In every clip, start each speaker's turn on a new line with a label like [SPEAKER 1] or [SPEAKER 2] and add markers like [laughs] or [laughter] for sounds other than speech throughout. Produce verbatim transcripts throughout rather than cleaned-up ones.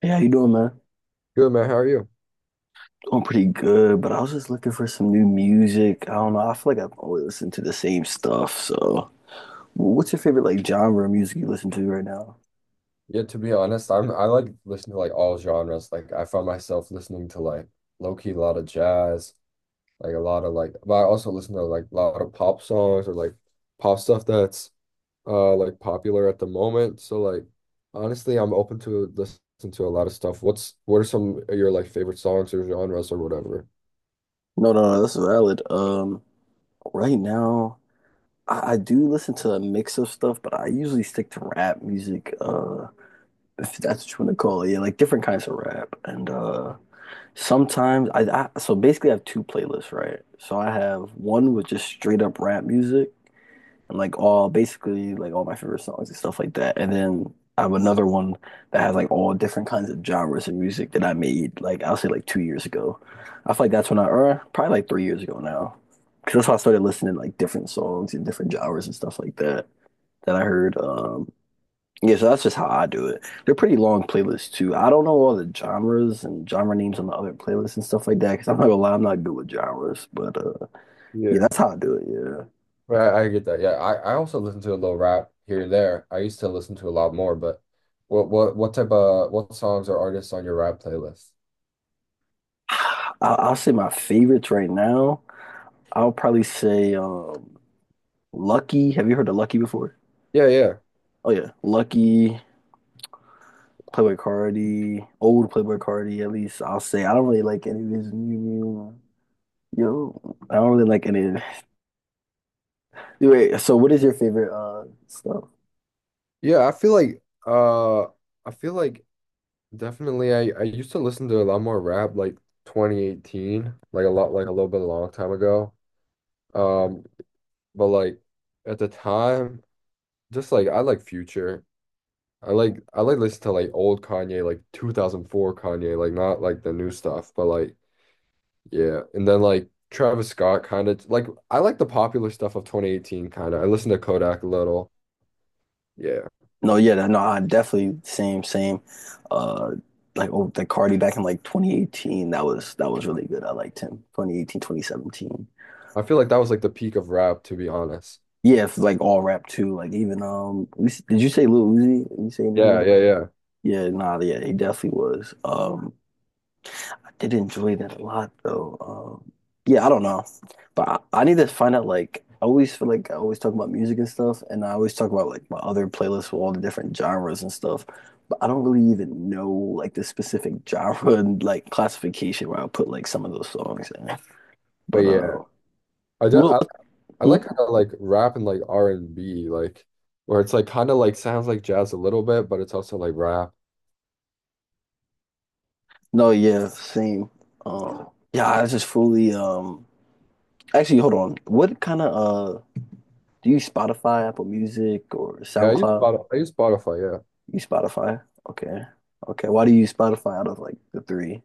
[SPEAKER 1] Hey, how you doing, man?
[SPEAKER 2] Good man, how are you?
[SPEAKER 1] Doing pretty good, but I was just looking for some new music. I don't know. I feel like I've always listened to the same stuff. So, what's your favorite like genre of music you listen to right now?
[SPEAKER 2] Yeah, to be honest, I'm I like listen to like all genres. Like I found myself listening to like low key a lot of jazz, like a lot of like but I also listen to like a lot of pop songs or like pop stuff that's uh like popular at the moment. So like honestly, I'm open to listen to a lot of stuff. What's what are some of your like favorite songs or genres or whatever?
[SPEAKER 1] No, no, no, that's valid. Um, right now, I, I do listen to a mix of stuff, but I usually stick to rap music. Uh, if that's what you want to call it, yeah, like different kinds of rap. And uh, sometimes I, I so basically I have two playlists, right? So I have one with just straight up rap music. And like all basically like all my favorite songs and stuff like that. And then I have another one that has like all different kinds of genres of music that I made like I'll say like two years ago. I feel like that's when I or probably like three years ago now. Because that's how I started listening to like different songs and different genres and stuff like that that I heard. Um yeah, so that's just how I do it. They're pretty long playlists too. I don't know all the genres and genre names on the other playlists and stuff like that. Because I'm not gonna lie, I'm not good with genres. But uh, yeah, that's how I do it. Yeah.
[SPEAKER 2] Right, I get that. Yeah, I, I also listen to a little rap here and there. I used to listen to a lot more, but what what what type of what songs or artists on your rap playlist?
[SPEAKER 1] I'll, I'll say my favorites right now. I'll probably say um, Lucky. Have you heard of Lucky before?
[SPEAKER 2] Yeah, yeah.
[SPEAKER 1] Oh yeah, Lucky, Playboy Cardi, old Playboy Cardi. At least I'll say I don't really like any of his new new. Yo, I don't really like any. Of- it. Anyway, so what is your favorite uh stuff?
[SPEAKER 2] Yeah, I feel like uh I feel like definitely I I used to listen to a lot more rap like twenty eighteen, like a lot like a little bit a long time ago. Um but like at the time just like I like Future. I like I like listen to like old Kanye, like two thousand four Kanye, like not like the new stuff, but like yeah, and then like Travis Scott kind of like I like the popular stuff of twenty eighteen kind of. I listened to Kodak a little. Yeah.
[SPEAKER 1] No, yeah, no, I definitely same same. Uh, like oh, the Cardi back in like twenty eighteen. That was that was really good. I liked him. twenty eighteen, twenty seventeen.
[SPEAKER 2] I feel like that was like the peak of rap, to be honest.
[SPEAKER 1] Yeah, if like all rap too. Like even um, we, did you say Lil Uzi? Did you say anything
[SPEAKER 2] Yeah, yeah,
[SPEAKER 1] about?
[SPEAKER 2] yeah.
[SPEAKER 1] Yeah, nah, yeah, he definitely was. Um, I did enjoy that a lot though. Um, yeah, I don't know, but I, I need to find out. Like, I always feel like I always talk about music and stuff, and I always talk about like my other playlists with all the different genres and stuff. But I don't really even know like the specific [laughs] genre and like classification where I put like some of those songs in.
[SPEAKER 2] But
[SPEAKER 1] But
[SPEAKER 2] yeah,
[SPEAKER 1] uh,
[SPEAKER 2] I do,
[SPEAKER 1] well,
[SPEAKER 2] I, I
[SPEAKER 1] hmm?
[SPEAKER 2] like kind of like rap and like R and B like where it's like kind of like sounds like jazz a little bit, but it's also like rap.
[SPEAKER 1] No, yeah, same. Um, yeah, I just fully um actually hold on. What kind of uh do you Spotify, Apple Music or
[SPEAKER 2] Yeah, I use
[SPEAKER 1] SoundCloud?
[SPEAKER 2] Spotify. I use Spotify, yeah.
[SPEAKER 1] You Spotify? Okay. Okay. Why do you use Spotify out of like the three?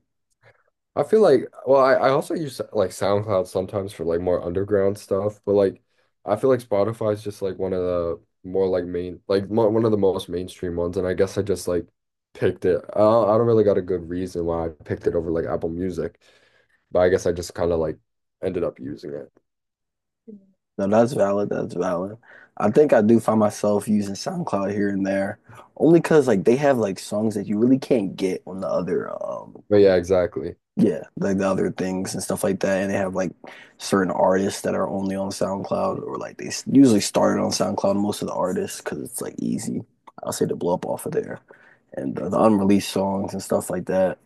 [SPEAKER 2] I feel like, well, I, I also use like SoundCloud sometimes for like more underground stuff, but like I feel like Spotify is just like one of the more like main, like mo one of the most mainstream ones, and I guess I just like picked it. I don't, I don't really got a good reason why I picked it over like Apple Music, but I guess I just kind of like ended up using it.
[SPEAKER 1] No, that's valid. That's valid. I think I do find myself using SoundCloud here and there, only because like they have like songs that you really can't get on the other um
[SPEAKER 2] But yeah, exactly.
[SPEAKER 1] yeah, like the other things and stuff like that. And they have like certain artists that are only on SoundCloud, or like they s- usually started on SoundCloud, most of the artists, because it's like easy, I'll say, to blow up off of there. And the, the unreleased songs and stuff like that.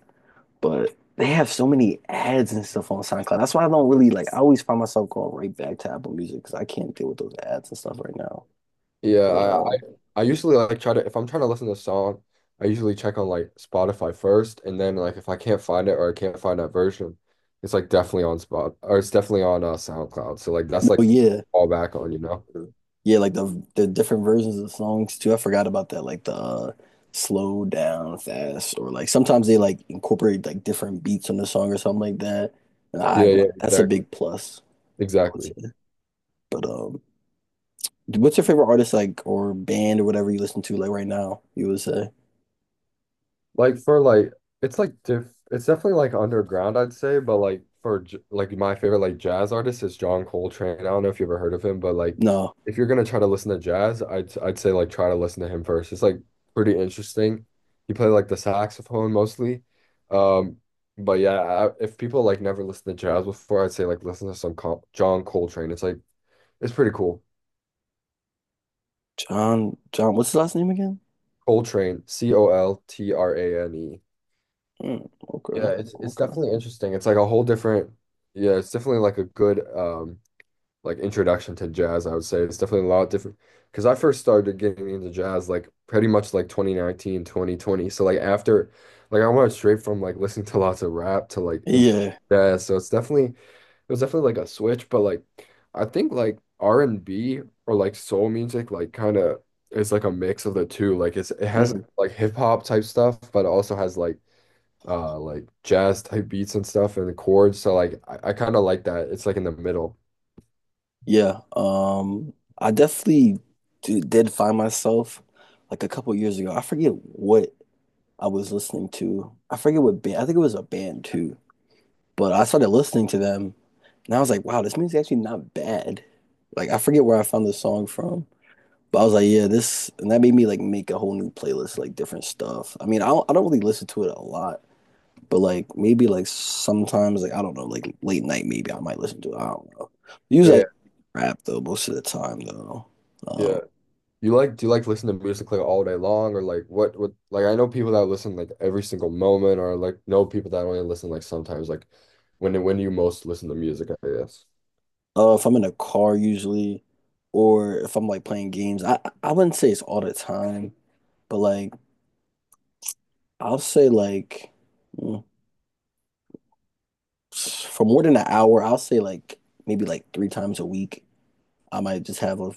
[SPEAKER 1] But they have so many ads and stuff on SoundCloud. That's why I don't really like, I always find myself going right back to Apple Music because I can't deal with those ads and stuff right now.
[SPEAKER 2] Yeah,
[SPEAKER 1] But
[SPEAKER 2] I, I
[SPEAKER 1] uh,
[SPEAKER 2] I usually like try to, if I'm trying to listen to a song, I usually check on like Spotify first, and then like if I can't find it or I can't find that version, it's like definitely on Spot or it's definitely on uh, SoundCloud. So like that's like
[SPEAKER 1] no, yeah.
[SPEAKER 2] all back on, you know?
[SPEAKER 1] Yeah, like the the different versions of songs too. I forgot about that. Like the uh, slow down fast, or like sometimes they like incorporate like different beats on the song or something like that. And
[SPEAKER 2] Yeah,
[SPEAKER 1] I
[SPEAKER 2] yeah,
[SPEAKER 1] that's a
[SPEAKER 2] exactly,
[SPEAKER 1] big plus, I would
[SPEAKER 2] exactly.
[SPEAKER 1] say. But um, what's your favorite artist like or band or whatever you listen to like right now? You would say
[SPEAKER 2] Like for like it's like diff it's definitely like underground I'd say, but like for j like my favorite like jazz artist is John Coltrane. I don't know if you ever heard of him, but like
[SPEAKER 1] no,
[SPEAKER 2] if you're gonna try to listen to jazz, I'd I'd say like try to listen to him first. It's like pretty interesting. He played like the saxophone mostly. Um but yeah, I, if people like never listened to jazz before, I'd say like listen to some Col John Coltrane. It's like it's pretty cool.
[SPEAKER 1] John John. What's his last name again?
[SPEAKER 2] Coltrane C O L T R A N E.
[SPEAKER 1] Mm,
[SPEAKER 2] Yeah,
[SPEAKER 1] okay,
[SPEAKER 2] it's it's
[SPEAKER 1] okay,
[SPEAKER 2] definitely interesting. It's like a whole different, yeah, it's definitely like a good um like introduction to jazz, I would say. It's definitely a lot different because I first started getting into jazz like pretty much like twenty nineteen twenty twenty. So like after like I went straight from like listening to lots of rap to like into
[SPEAKER 1] yeah.
[SPEAKER 2] jazz. So it's definitely it was definitely like a switch, but like I think like R and B or like soul music like kind of is like a mix of the two. Like it's it has
[SPEAKER 1] Mhm.
[SPEAKER 2] like hip hop type stuff, but it also has like uh like jazz type beats and stuff and the chords. So like I, I kind of like that. It's like in the middle.
[SPEAKER 1] Yeah, um, I definitely d did find myself like a couple years ago. I forget what I was listening to. I forget what band. I think it was a band too. But I started listening to them, and I was like, "Wow, this music's actually not bad." Like I forget where I found the song from, but I was like, "Yeah, this," and that made me like make a whole new playlist, like different stuff. I mean, I don't, I don't really listen to it a lot, but like maybe like sometimes, like I don't know, like late night, maybe I might listen to it. I don't know. Usually, I
[SPEAKER 2] Yeah,
[SPEAKER 1] rap though most of the time though.
[SPEAKER 2] yeah.
[SPEAKER 1] Um,
[SPEAKER 2] You like, do you like listen to music like all day long, or like what what like I know people that listen like every single moment, or like know people that only listen like sometimes like when when you most listen to music, I guess.
[SPEAKER 1] uh, if I'm in a car usually, or if I'm like playing games, I I wouldn't say it's all the time, but like I'll say like mm, for more than an hour, I'll say like maybe like three times a week. I might just have a,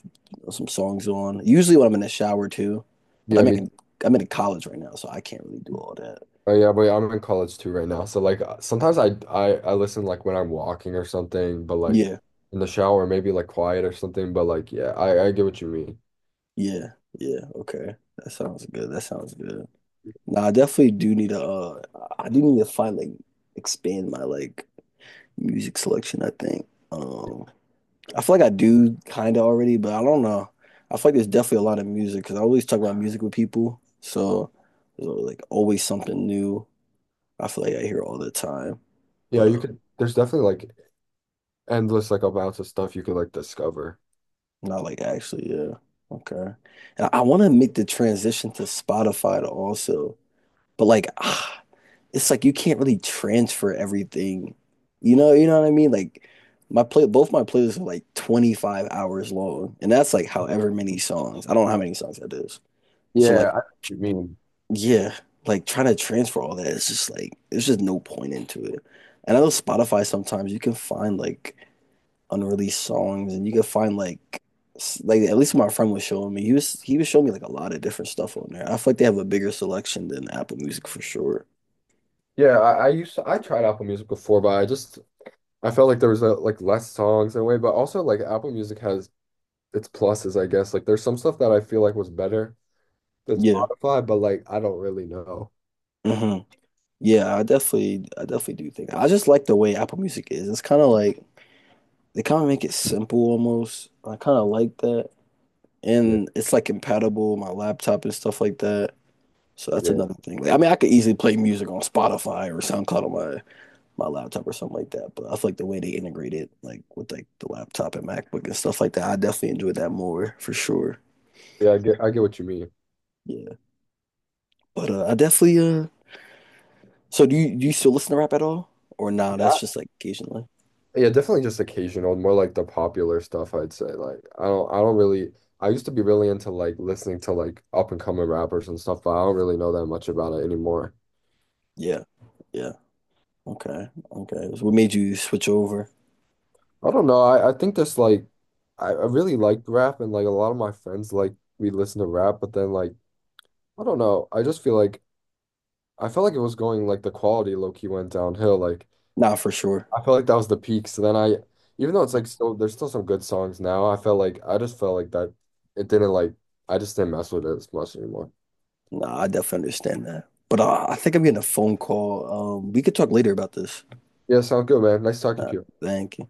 [SPEAKER 1] some songs on. Usually when I'm in the shower too, but
[SPEAKER 2] Yeah,
[SPEAKER 1] I'm
[SPEAKER 2] me.
[SPEAKER 1] in I'm in college right now, so I can't really do all that.
[SPEAKER 2] Oh yeah, but I'm in college too right now. So like uh, sometimes I I I listen like when I'm walking or something, but like
[SPEAKER 1] Yeah,
[SPEAKER 2] in the shower maybe like quiet or something. But like yeah, I I get what you mean.
[SPEAKER 1] yeah, yeah. Okay, that sounds good. That sounds good. Nah, I definitely do need to uh I do need to find like expand my like music selection, I think. Um I feel like I do kinda already, but I don't know. I feel like there's definitely a lot of music because I always talk about music with people. So there's like always something new. I feel like I hear all the time.
[SPEAKER 2] Yeah,
[SPEAKER 1] But
[SPEAKER 2] you
[SPEAKER 1] uh
[SPEAKER 2] could. There's definitely like endless like amounts of stuff you could like discover.
[SPEAKER 1] not like actually, yeah. Okay. And I, I wanna make the transition to Spotify to also. But like [sighs] it's like you can't really transfer everything. You know, you know what I mean? Like my play both my playlists are like twenty-five hours long, and that's like however many songs. I don't know how many songs that is. So like
[SPEAKER 2] Yeah, I, you mean,
[SPEAKER 1] yeah, like trying to transfer all that, it's just like there's just no point into it. And I know Spotify sometimes you can find like unreleased songs and you can find like s- like at least my friend was showing me. He was he was showing me like a lot of different stuff on there. I feel like they have a bigger selection than Apple Music for sure.
[SPEAKER 2] yeah, I, I used to I tried Apple Music before, but I just I felt like there was a, like less songs in a way, but also like Apple Music has its pluses, I guess. Like there's some stuff that I feel like was better than
[SPEAKER 1] Yeah.
[SPEAKER 2] Spotify, but like I don't really know.
[SPEAKER 1] Mm-hmm. Yeah, I definitely, I definitely do think that. I just like the way Apple Music is. It's kind of like they kind of make it simple almost. I kind of like that,
[SPEAKER 2] Yeah,
[SPEAKER 1] and it's like compatible with my laptop and stuff like that. So that's
[SPEAKER 2] yeah,
[SPEAKER 1] another thing. Like, I mean, I could easily play music on Spotify or SoundCloud on my my laptop or something like that. But I feel like the way they integrate it, like with like the laptop and MacBook and stuff like that, I definitely enjoy that more for sure.
[SPEAKER 2] yeah. I get I get what you mean.
[SPEAKER 1] Yeah, but uh, I definitely uh. So do you do you still listen to rap at all, or nah?
[SPEAKER 2] Yeah,
[SPEAKER 1] That's
[SPEAKER 2] I-
[SPEAKER 1] just like occasionally.
[SPEAKER 2] yeah, definitely just occasional, more like the popular stuff, I'd say. Like I don't I don't really. I used to be really into like listening to like up and coming rappers and stuff, but I don't really know that much about it anymore.
[SPEAKER 1] Yeah. Yeah. Okay, okay. So what made you switch over?
[SPEAKER 2] I don't know. I, I think that's like I, I really liked rap and like a lot of my friends like we listen to rap, but then like I don't know. I just feel like I felt like it was going like the quality low key went downhill. Like
[SPEAKER 1] Nah, for sure.
[SPEAKER 2] I felt like that was the peak. So then I, even though it's like still there's still some good songs now, I felt like I just felt like that it didn't like I just didn't mess with it as much anymore.
[SPEAKER 1] Nah, I definitely understand that. But uh, I think I'm getting a phone call. Um, we could talk later about this.
[SPEAKER 2] Yeah, sounds good, man. Nice talking
[SPEAKER 1] Nah,
[SPEAKER 2] to you.
[SPEAKER 1] thank you.